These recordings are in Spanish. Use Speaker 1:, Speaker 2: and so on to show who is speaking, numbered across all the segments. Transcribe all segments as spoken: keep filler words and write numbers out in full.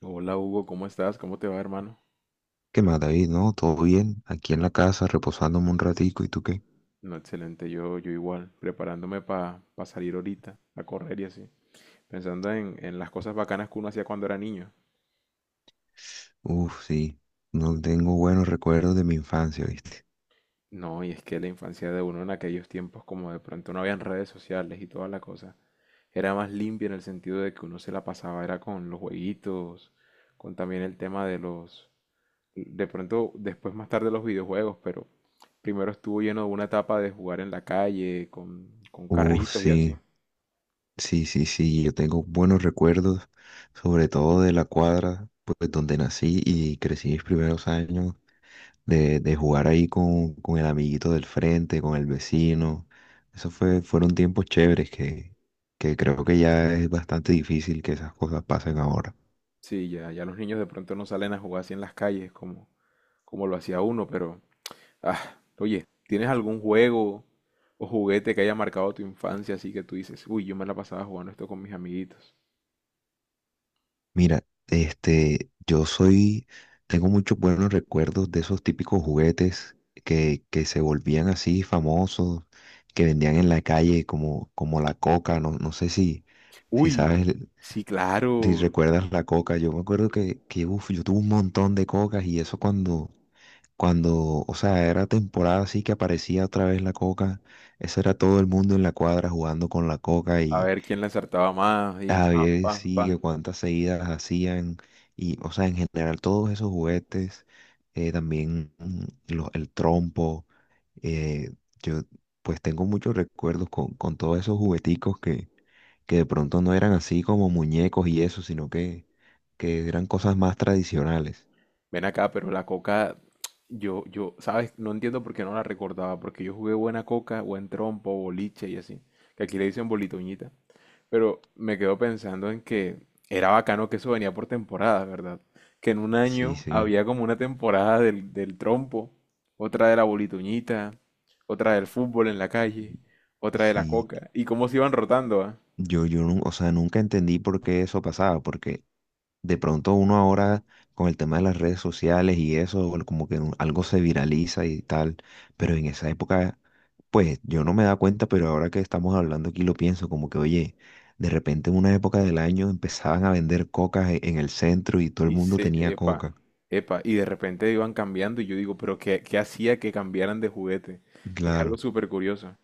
Speaker 1: Hola Hugo, ¿cómo estás? ¿Cómo te va, hermano?
Speaker 2: ¿Qué más, David? ¿No? ¿Todo bien? Aquí en la casa, reposándome un ratico. ¿Y tú qué?
Speaker 1: No, excelente, yo, yo igual, preparándome para salir ahorita, a correr y así, pensando en, en las cosas bacanas que uno hacía cuando era niño.
Speaker 2: Uf, sí. No tengo buenos recuerdos de mi infancia, ¿viste?
Speaker 1: No, y es que la infancia de uno en aquellos tiempos, como de pronto no habían redes sociales y toda la cosa, era más limpia en el sentido de que uno se la pasaba, era con los jueguitos, con también el tema de los, de pronto después más tarde los videojuegos, pero primero estuvo lleno de una etapa de jugar en la calle, con, con
Speaker 2: Uf,
Speaker 1: carritos y así.
Speaker 2: sí. Sí, sí, sí. Yo tengo buenos recuerdos, sobre todo de la cuadra, pues, donde nací y crecí mis primeros años, de, de jugar ahí con, con el amiguito del frente, con el vecino. Eso fue, fueron tiempos chéveres que, que creo que ya es bastante difícil que esas cosas pasen ahora.
Speaker 1: Sí, ya, ya los niños de pronto no salen a jugar así en las calles como, como lo hacía uno, pero, ah, oye, ¿tienes algún juego o juguete que haya marcado tu infancia así que tú dices, uy, yo me la pasaba jugando esto con mis amiguitos?
Speaker 2: Mira, este, yo soy, tengo muchos buenos recuerdos de esos típicos juguetes que, que se volvían así famosos, que vendían en la calle como, como la coca, no, no sé si, si
Speaker 1: Uy,
Speaker 2: sabes, el-
Speaker 1: sí,
Speaker 2: si
Speaker 1: claro.
Speaker 2: recuerdas la coca. Yo me acuerdo que, que uf, yo tuve un montón de cocas y eso cuando, cuando, o sea, era temporada así que aparecía otra vez la coca, eso era todo el mundo en la cuadra jugando con la coca
Speaker 1: A
Speaker 2: y
Speaker 1: ver quién la acertaba más y
Speaker 2: a
Speaker 1: pam,
Speaker 2: ver
Speaker 1: pam,
Speaker 2: sí, que
Speaker 1: pam.
Speaker 2: cuántas seguidas hacían y, o sea, en general todos esos juguetes, eh, también mm, lo- el trompo, eh, yo pues tengo muchos recuerdos con, con todos esos jugueticos que, que de pronto no eran así como muñecos y eso, sino que, que eran cosas más tradicionales.
Speaker 1: Ven acá, pero la coca, yo, yo, ¿sabes? No entiendo por qué no la recordaba, porque yo jugué buena coca, buen trompo, boliche y así, que aquí le dicen bolitoñita. Pero me quedo pensando en que era bacano que eso venía por temporadas, ¿verdad? Que en un
Speaker 2: Sí,
Speaker 1: año
Speaker 2: sí,
Speaker 1: había como una temporada del, del trompo, otra de la bolitoñita, otra del fútbol en la calle, otra de la
Speaker 2: sí,
Speaker 1: coca, y cómo se iban rotando, ¿ah?
Speaker 2: yo, yo, nu- o sea, nunca entendí por qué eso pasaba, porque de pronto uno ahora con el tema de las redes sociales y eso, bueno, como que un- algo se viraliza y tal, pero en esa época, pues yo no me da cuenta, pero ahora que estamos hablando aquí lo pienso, como que oye, de repente en una época del año empezaban a vender cocas e- en el centro y todo el
Speaker 1: Y
Speaker 2: mundo
Speaker 1: se,
Speaker 2: tenía
Speaker 1: epa,
Speaker 2: coca.
Speaker 1: epa, y de repente iban cambiando y yo digo, pero ¿qué, qué hacía que cambiaran de juguete? Es algo
Speaker 2: Claro.
Speaker 1: súper curioso.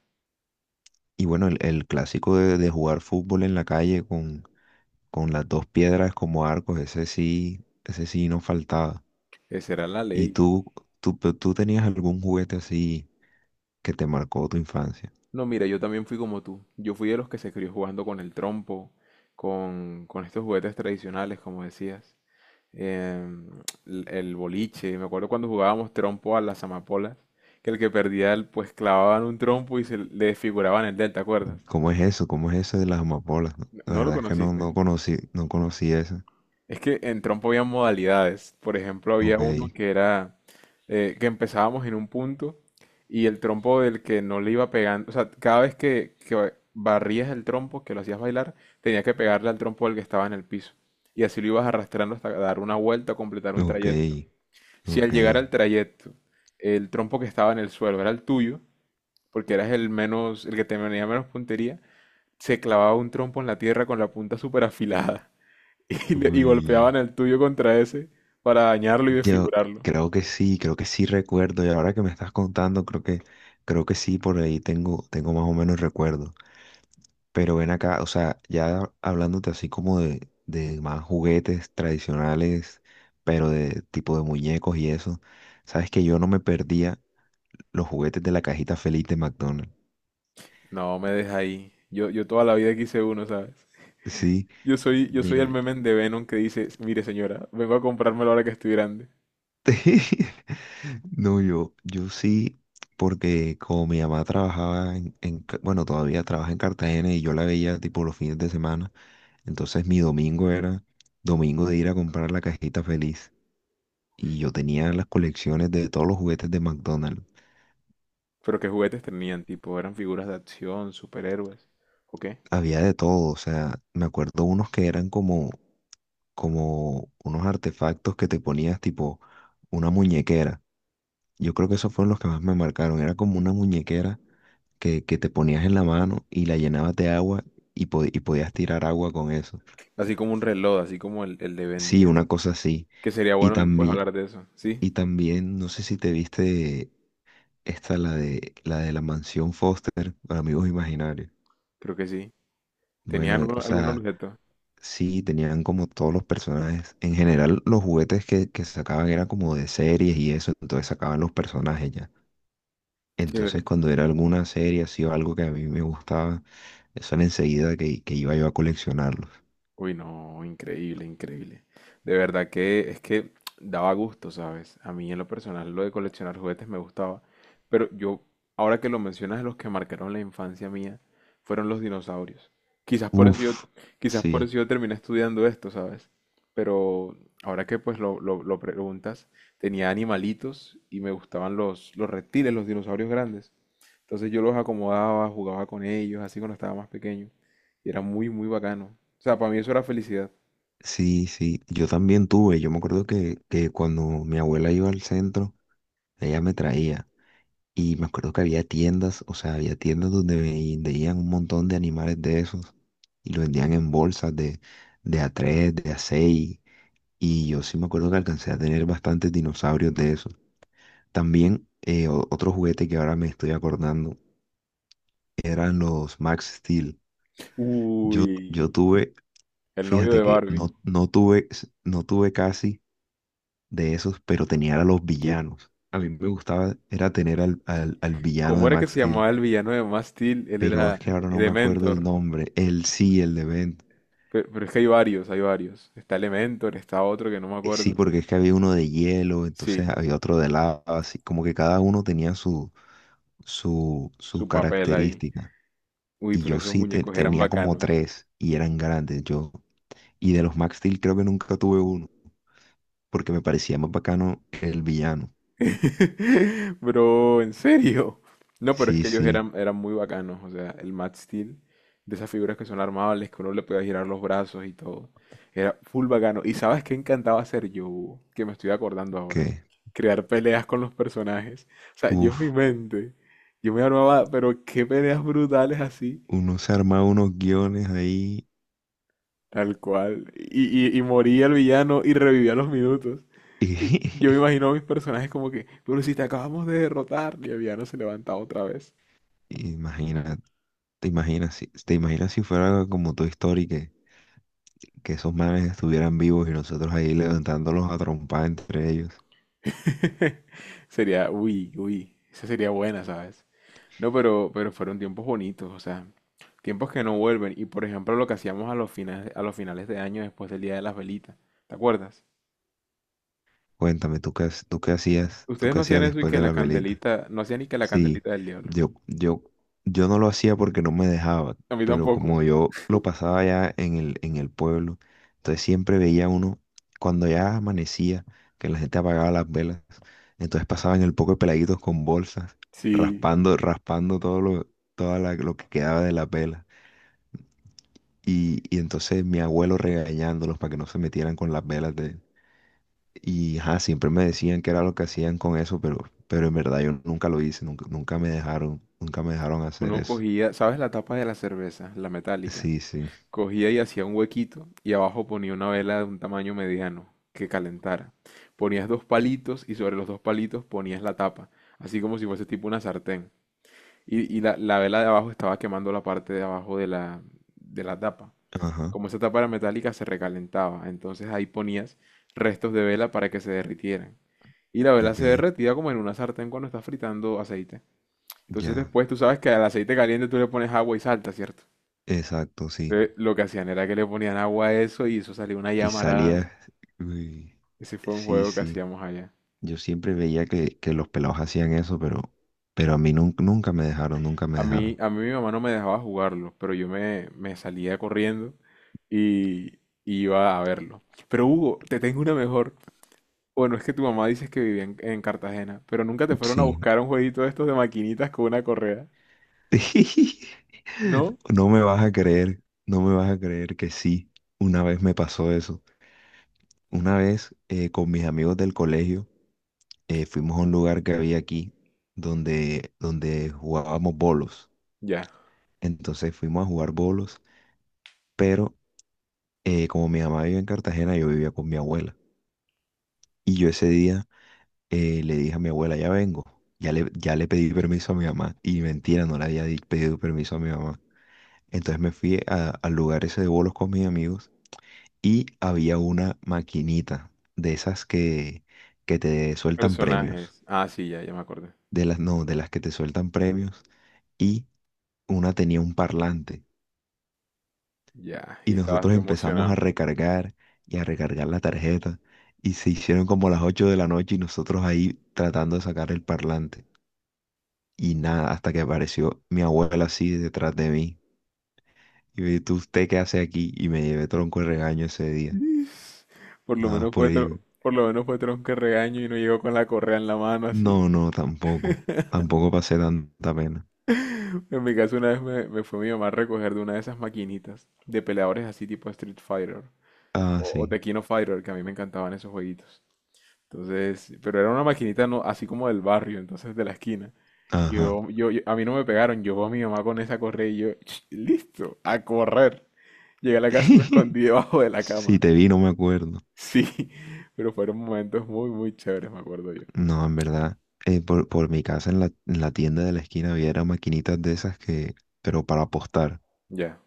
Speaker 2: Y bueno, el, el clásico de, de jugar fútbol en la calle con, con las dos piedras como arcos, ese sí, ese sí no faltaba.
Speaker 1: Esa era la
Speaker 2: ¿Y
Speaker 1: ley.
Speaker 2: tú, tú, tú tenías algún juguete así que te marcó tu infancia?
Speaker 1: No, mira, yo también fui como tú. Yo fui de los que se crió jugando con el trompo, con, con estos juguetes tradicionales, como decías. em, l- el boliche. Me acuerdo cuando jugábamos trompo a las amapolas, que el que perdía, el- pues clavaban un trompo y se le desfiguraban el delta, ¿te acuerdas?
Speaker 2: ¿Cómo es eso? ¿Cómo es eso de las amapolas? No,
Speaker 1: ¿No
Speaker 2: la
Speaker 1: no lo
Speaker 2: verdad es que no,
Speaker 1: conociste?
Speaker 2: no conocí, no conocí eso.
Speaker 1: Es que en trompo había modalidades. Por ejemplo, había
Speaker 2: Ok,
Speaker 1: uno que era eh, que empezábamos en un punto y el trompo del que no le iba pegando, o sea, cada vez que, que barrías el trompo, que lo hacías bailar, tenía que pegarle al trompo del que estaba en el piso. Y así lo ibas arrastrando hasta dar una vuelta o completar un
Speaker 2: ok,
Speaker 1: trayecto. Si al
Speaker 2: ok.
Speaker 1: llegar al trayecto, el trompo que estaba en el suelo era el tuyo, porque eras el menos, el que tenía menos puntería, se clavaba un trompo en la tierra con la punta súper afilada. Y, le- y
Speaker 2: Uy.
Speaker 1: golpeaban el tuyo contra ese para dañarlo y
Speaker 2: Yo
Speaker 1: desfigurarlo.
Speaker 2: creo que sí, creo que sí recuerdo. Y ahora que me estás contando, creo que, creo que sí, por ahí tengo, tengo más o menos recuerdo. Pero ven acá, o sea, ya hablándote así como de, de más juguetes tradicionales, pero de tipo de muñecos y eso, sabes que yo no me perdía los juguetes de la cajita feliz de McDonald's.
Speaker 1: No, me deja ahí. Yo, yo toda la vida quise uno, ¿sabes?
Speaker 2: Sí,
Speaker 1: Yo soy, yo soy
Speaker 2: mira,
Speaker 1: el meme de Venom que dice, mire señora, vengo a comprármelo ahora que estoy grande.
Speaker 2: no, yo, yo sí, porque como mi mamá trabajaba en, en Ca- bueno, todavía trabaja en Cartagena y yo la veía tipo los fines de semana, entonces mi domingo era domingo de ir a comprar la cajita feliz y yo tenía las colecciones de todos los juguetes de McDonald's,
Speaker 1: Pero qué juguetes tenían, tipo, eran figuras de acción, superhéroes, ¿o qué?
Speaker 2: había de todo, o sea, me acuerdo unos que eran como, como unos artefactos que te ponías tipo una muñequera, yo creo que esos fueron los que más me marcaron, era como una muñequera que, que te ponías en la mano y la llenabas de agua y, po- y podías tirar agua con eso.
Speaker 1: Así como un reloj, así como el, el de Ben
Speaker 2: Sí, una
Speaker 1: diez.
Speaker 2: cosa así.
Speaker 1: Que sería
Speaker 2: Y
Speaker 1: bueno después
Speaker 2: también,
Speaker 1: hablar de eso, ¿sí?
Speaker 2: y también, no sé si te viste esta, la de la de la mansión Foster, para amigos imaginarios.
Speaker 1: Creo que sí.
Speaker 2: Bueno,
Speaker 1: ¿Tenían
Speaker 2: eh,
Speaker 1: algún,
Speaker 2: o
Speaker 1: algún
Speaker 2: sea,
Speaker 1: objeto?
Speaker 2: sí, tenían como todos los personajes. En general, los juguetes que, que sacaban eran como de series y eso, entonces sacaban los personajes ya. Entonces,
Speaker 1: Chévere.
Speaker 2: cuando era alguna serie así o algo que a mí me gustaba, eso era enseguida que, que iba yo a coleccionarlos.
Speaker 1: Uy, no, increíble, increíble. De verdad que es que daba gusto, ¿sabes? A mí en lo personal lo de coleccionar juguetes me gustaba, pero yo, ahora que lo mencionas, los que marcaron la infancia mía fueron los dinosaurios. Quizás por eso yo,
Speaker 2: Uf,
Speaker 1: quizás por
Speaker 2: sí,
Speaker 1: eso yo terminé estudiando esto, ¿sabes? Pero ahora que pues lo, lo- lo preguntas, tenía animalitos y me gustaban los, los reptiles, los dinosaurios grandes. Entonces yo los acomodaba, jugaba con ellos, así cuando estaba más pequeño. Y era muy, muy bacano. O sea, para mí eso era felicidad.
Speaker 2: sí, sí. Yo también tuve. Yo me acuerdo que, que cuando mi abuela iba al centro, ella me traía. Y me acuerdo que había tiendas, o sea, había tiendas donde ve- vendían un montón de animales de esos. Y lo vendían en bolsas de, de a tres, de a seis. Y yo sí me acuerdo que alcancé a tener bastantes dinosaurios de esos. También eh, o- otro juguete que ahora me estoy acordando eran los Max Steel. Yo,
Speaker 1: Uy,
Speaker 2: yo tuve,
Speaker 1: el novio
Speaker 2: fíjate
Speaker 1: de
Speaker 2: que
Speaker 1: Barbie.
Speaker 2: no, no tuve, no tuve casi de esos, pero tenía a los villanos. A mí me gustaba, era tener al, al, al villano
Speaker 1: ¿Cómo
Speaker 2: de
Speaker 1: era que
Speaker 2: Max
Speaker 1: se
Speaker 2: Steel,
Speaker 1: llamaba el villano de Max Steel? Él
Speaker 2: pero es que
Speaker 1: era
Speaker 2: ahora no me acuerdo el
Speaker 1: Elementor.
Speaker 2: nombre. Él sí, el de Ben.
Speaker 1: Pe- Pero, es que hay varios, hay varios. Está Elementor, está otro que no me
Speaker 2: Eh,
Speaker 1: acuerdo.
Speaker 2: Sí, porque es que había uno de hielo, entonces
Speaker 1: Sí,
Speaker 2: había otro de lava, así como que cada uno tenía su, su, su
Speaker 1: su papel ahí.
Speaker 2: característica.
Speaker 1: Uy,
Speaker 2: Y
Speaker 1: pero
Speaker 2: yo
Speaker 1: esos
Speaker 2: sí te-
Speaker 1: muñecos eran
Speaker 2: tenía como
Speaker 1: bacanos.
Speaker 2: tres y eran grandes. Yo, y de los Max Steel creo que nunca tuve uno, porque me parecía más bacano el villano.
Speaker 1: Bro, en serio. No, pero es
Speaker 2: Sí,
Speaker 1: que ellos
Speaker 2: sí,
Speaker 1: eran, eran muy bacanos. O sea, el Max Steel, de esas figuras que son armables, que uno le podía girar los brazos y todo. Era full bacano. ¿Y sabes qué encantaba hacer yo? Que me estoy acordando ahora.
Speaker 2: que,
Speaker 1: Crear peleas con los personajes. O sea, yo en mi
Speaker 2: uff,
Speaker 1: mente, yo me armaba, pero qué peleas brutales así.
Speaker 2: uno se arma unos guiones ahí.
Speaker 1: Tal cual. Y, y, y moría el villano y revivía a los minutos. Y
Speaker 2: Y,
Speaker 1: yo me imagino a mis personajes como que, pero si te acabamos de derrotar, y Aviano se levanta otra vez.
Speaker 2: imagina, te imaginas, si- te imaginas si fuera como tu historia que, que esos manes estuvieran vivos y nosotros ahí levantándolos a trompar entre ellos.
Speaker 1: Sería, uy, uy, esa sería buena, ¿sabes? No, pero, pero fueron tiempos bonitos, o sea, tiempos que no vuelven. Y por ejemplo, lo que hacíamos a los finales, a los finales de año después del Día de las Velitas, ¿te acuerdas?
Speaker 2: Cuéntame, ¿tú qué, ha- tú qué hacías, tú
Speaker 1: Ustedes
Speaker 2: qué
Speaker 1: no hacían
Speaker 2: hacías
Speaker 1: eso y
Speaker 2: después
Speaker 1: que
Speaker 2: de
Speaker 1: la
Speaker 2: la velita?
Speaker 1: candelita, no hacían ni que la
Speaker 2: Sí,
Speaker 1: candelita del diablo.
Speaker 2: yo, yo, yo no lo hacía porque no me dejaba,
Speaker 1: A mí
Speaker 2: pero
Speaker 1: tampoco.
Speaker 2: como yo lo pasaba ya en el, en el pueblo, entonces siempre veía uno, cuando ya amanecía, que la gente apagaba las velas, entonces pasaban el poco de peladitos con bolsas,
Speaker 1: Sí,
Speaker 2: raspando, raspando todo lo, toda la- lo que quedaba de las velas. Y, y entonces mi abuelo regañándolos para que no se metieran con las velas y ajá, siempre me decían que era lo que hacían con eso, pero, pero en verdad yo nunca lo hice, nunca, nunca me dejaron, nunca me dejaron hacer
Speaker 1: uno
Speaker 2: eso.
Speaker 1: cogía, ¿sabes la tapa de la cerveza? La metálica.
Speaker 2: Sí, sí.
Speaker 1: Cogía y hacía un huequito y abajo ponía una vela de un tamaño mediano que calentara. Ponías dos palitos y sobre los dos palitos ponías la tapa, así como si fuese tipo una sartén. Y, y la, la vela de abajo estaba quemando la parte de abajo de la, de la tapa.
Speaker 2: Ajá,
Speaker 1: Como esa tapa era metálica, se recalentaba. Entonces ahí ponías restos de vela para que se derritieran. Y la vela
Speaker 2: ok,
Speaker 1: se derretía como en una sartén cuando estás fritando aceite. Entonces
Speaker 2: ya,
Speaker 1: después tú sabes que al aceite caliente tú le pones agua y salta, ¿cierto?
Speaker 2: exacto, sí.
Speaker 1: Entonces, lo que hacían era que le ponían agua a eso y eso salía una
Speaker 2: Y
Speaker 1: llamarada. Ujú.
Speaker 2: salía, uy,
Speaker 1: Ese fue un
Speaker 2: sí,
Speaker 1: juego que
Speaker 2: sí.
Speaker 1: hacíamos allá.
Speaker 2: Yo siempre veía que, que los pelados hacían eso, pero, pero a mí nun- nunca me dejaron, nunca me
Speaker 1: A mí,
Speaker 2: dejaron.
Speaker 1: a mí mi mamá no me dejaba jugarlo, pero yo me, me salía corriendo y, y iba a verlo. Pero Hugo, te tengo una mejor. Bueno, es que tu mamá dices que vivía en, en Cartagena, pero nunca te fueron a
Speaker 2: Sí.
Speaker 1: buscar un jueguito de estos de maquinitas con una correa. ¿No?
Speaker 2: No me vas a creer, no me vas a creer que sí. Una vez me pasó eso. Una vez eh, con mis amigos del colegio, eh, fuimos a un lugar que había aquí donde, donde jugábamos bolos.
Speaker 1: Ya.
Speaker 2: Entonces fuimos a jugar bolos, pero eh, como mi mamá vive en Cartagena, yo vivía con mi abuela. Y yo ese día eh, le dije a mi abuela, ya vengo, ya le, ya le pedí permiso a mi mamá. Y mentira, no le había di- pedido permiso a mi mamá. Entonces me fui a- al lugar ese de bolos con mis amigos y había una maquinita de esas que, que te sueltan premios.
Speaker 1: Personajes. Ah, sí, ya, ya me acordé.
Speaker 2: De las, no, de las que te sueltan premios, y una tenía un parlante.
Speaker 1: Ya, y
Speaker 2: Y
Speaker 1: estabas
Speaker 2: nosotros
Speaker 1: tú
Speaker 2: empezamos a
Speaker 1: emocionado.
Speaker 2: recargar y a recargar la tarjeta. Y se hicieron como las ocho de la noche y nosotros ahí tratando de sacar el parlante. Y nada, hasta que apareció mi abuela así detrás de mí. Y me dijo, ¿tú? ¿Usted qué hace aquí? Y me llevé tronco de regaño ese día.
Speaker 1: Por lo
Speaker 2: Nada más
Speaker 1: menos
Speaker 2: por
Speaker 1: fue
Speaker 2: ahí.
Speaker 1: tro- por lo menos fue tronco de regaño y no llegó con la correa en la mano así.
Speaker 2: No, no, tampoco. Tampoco pasé tanta pena.
Speaker 1: En mi caso una vez me, me fue mi mamá a recoger de una de esas maquinitas de peleadores así tipo Street Fighter
Speaker 2: Ah,
Speaker 1: o, o
Speaker 2: sí.
Speaker 1: Tekken Fighter que a mí me encantaban esos jueguitos. Entonces, pero era una maquinita no, así como del barrio, entonces de la esquina. Y
Speaker 2: Ajá.
Speaker 1: Yo, yo, yo- a mí no me pegaron, yo veo a mi mamá con esa correa y yo, "Ch, listo, a correr. Llegué a la casa y me escondí debajo de la
Speaker 2: Si
Speaker 1: cama.
Speaker 2: te vi, no me acuerdo.
Speaker 1: Sí, pero fueron momentos muy, muy chéveres, me acuerdo yo.
Speaker 2: No, en verdad, eh, por, por mi casa en la, en la tienda de la esquina había era maquinitas de esas que, pero para apostar.
Speaker 1: Ya.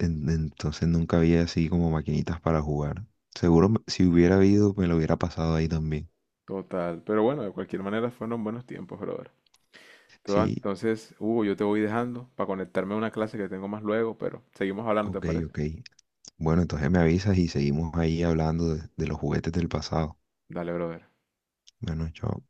Speaker 2: En- entonces nunca había así como maquinitas para jugar. Seguro me- si hubiera habido, me lo hubiera pasado ahí también.
Speaker 1: Total, pero bueno, de cualquier manera fueron buenos tiempos, brother. Todo-
Speaker 2: Sí,
Speaker 1: Entonces, Hugo, yo te voy dejando para conectarme a una clase que tengo más luego, pero seguimos hablando, ¿te
Speaker 2: ok,
Speaker 1: parece?
Speaker 2: ok. Bueno, entonces me avisas y seguimos ahí hablando de, de los juguetes del pasado.
Speaker 1: Dale, brother.
Speaker 2: Bueno, chao.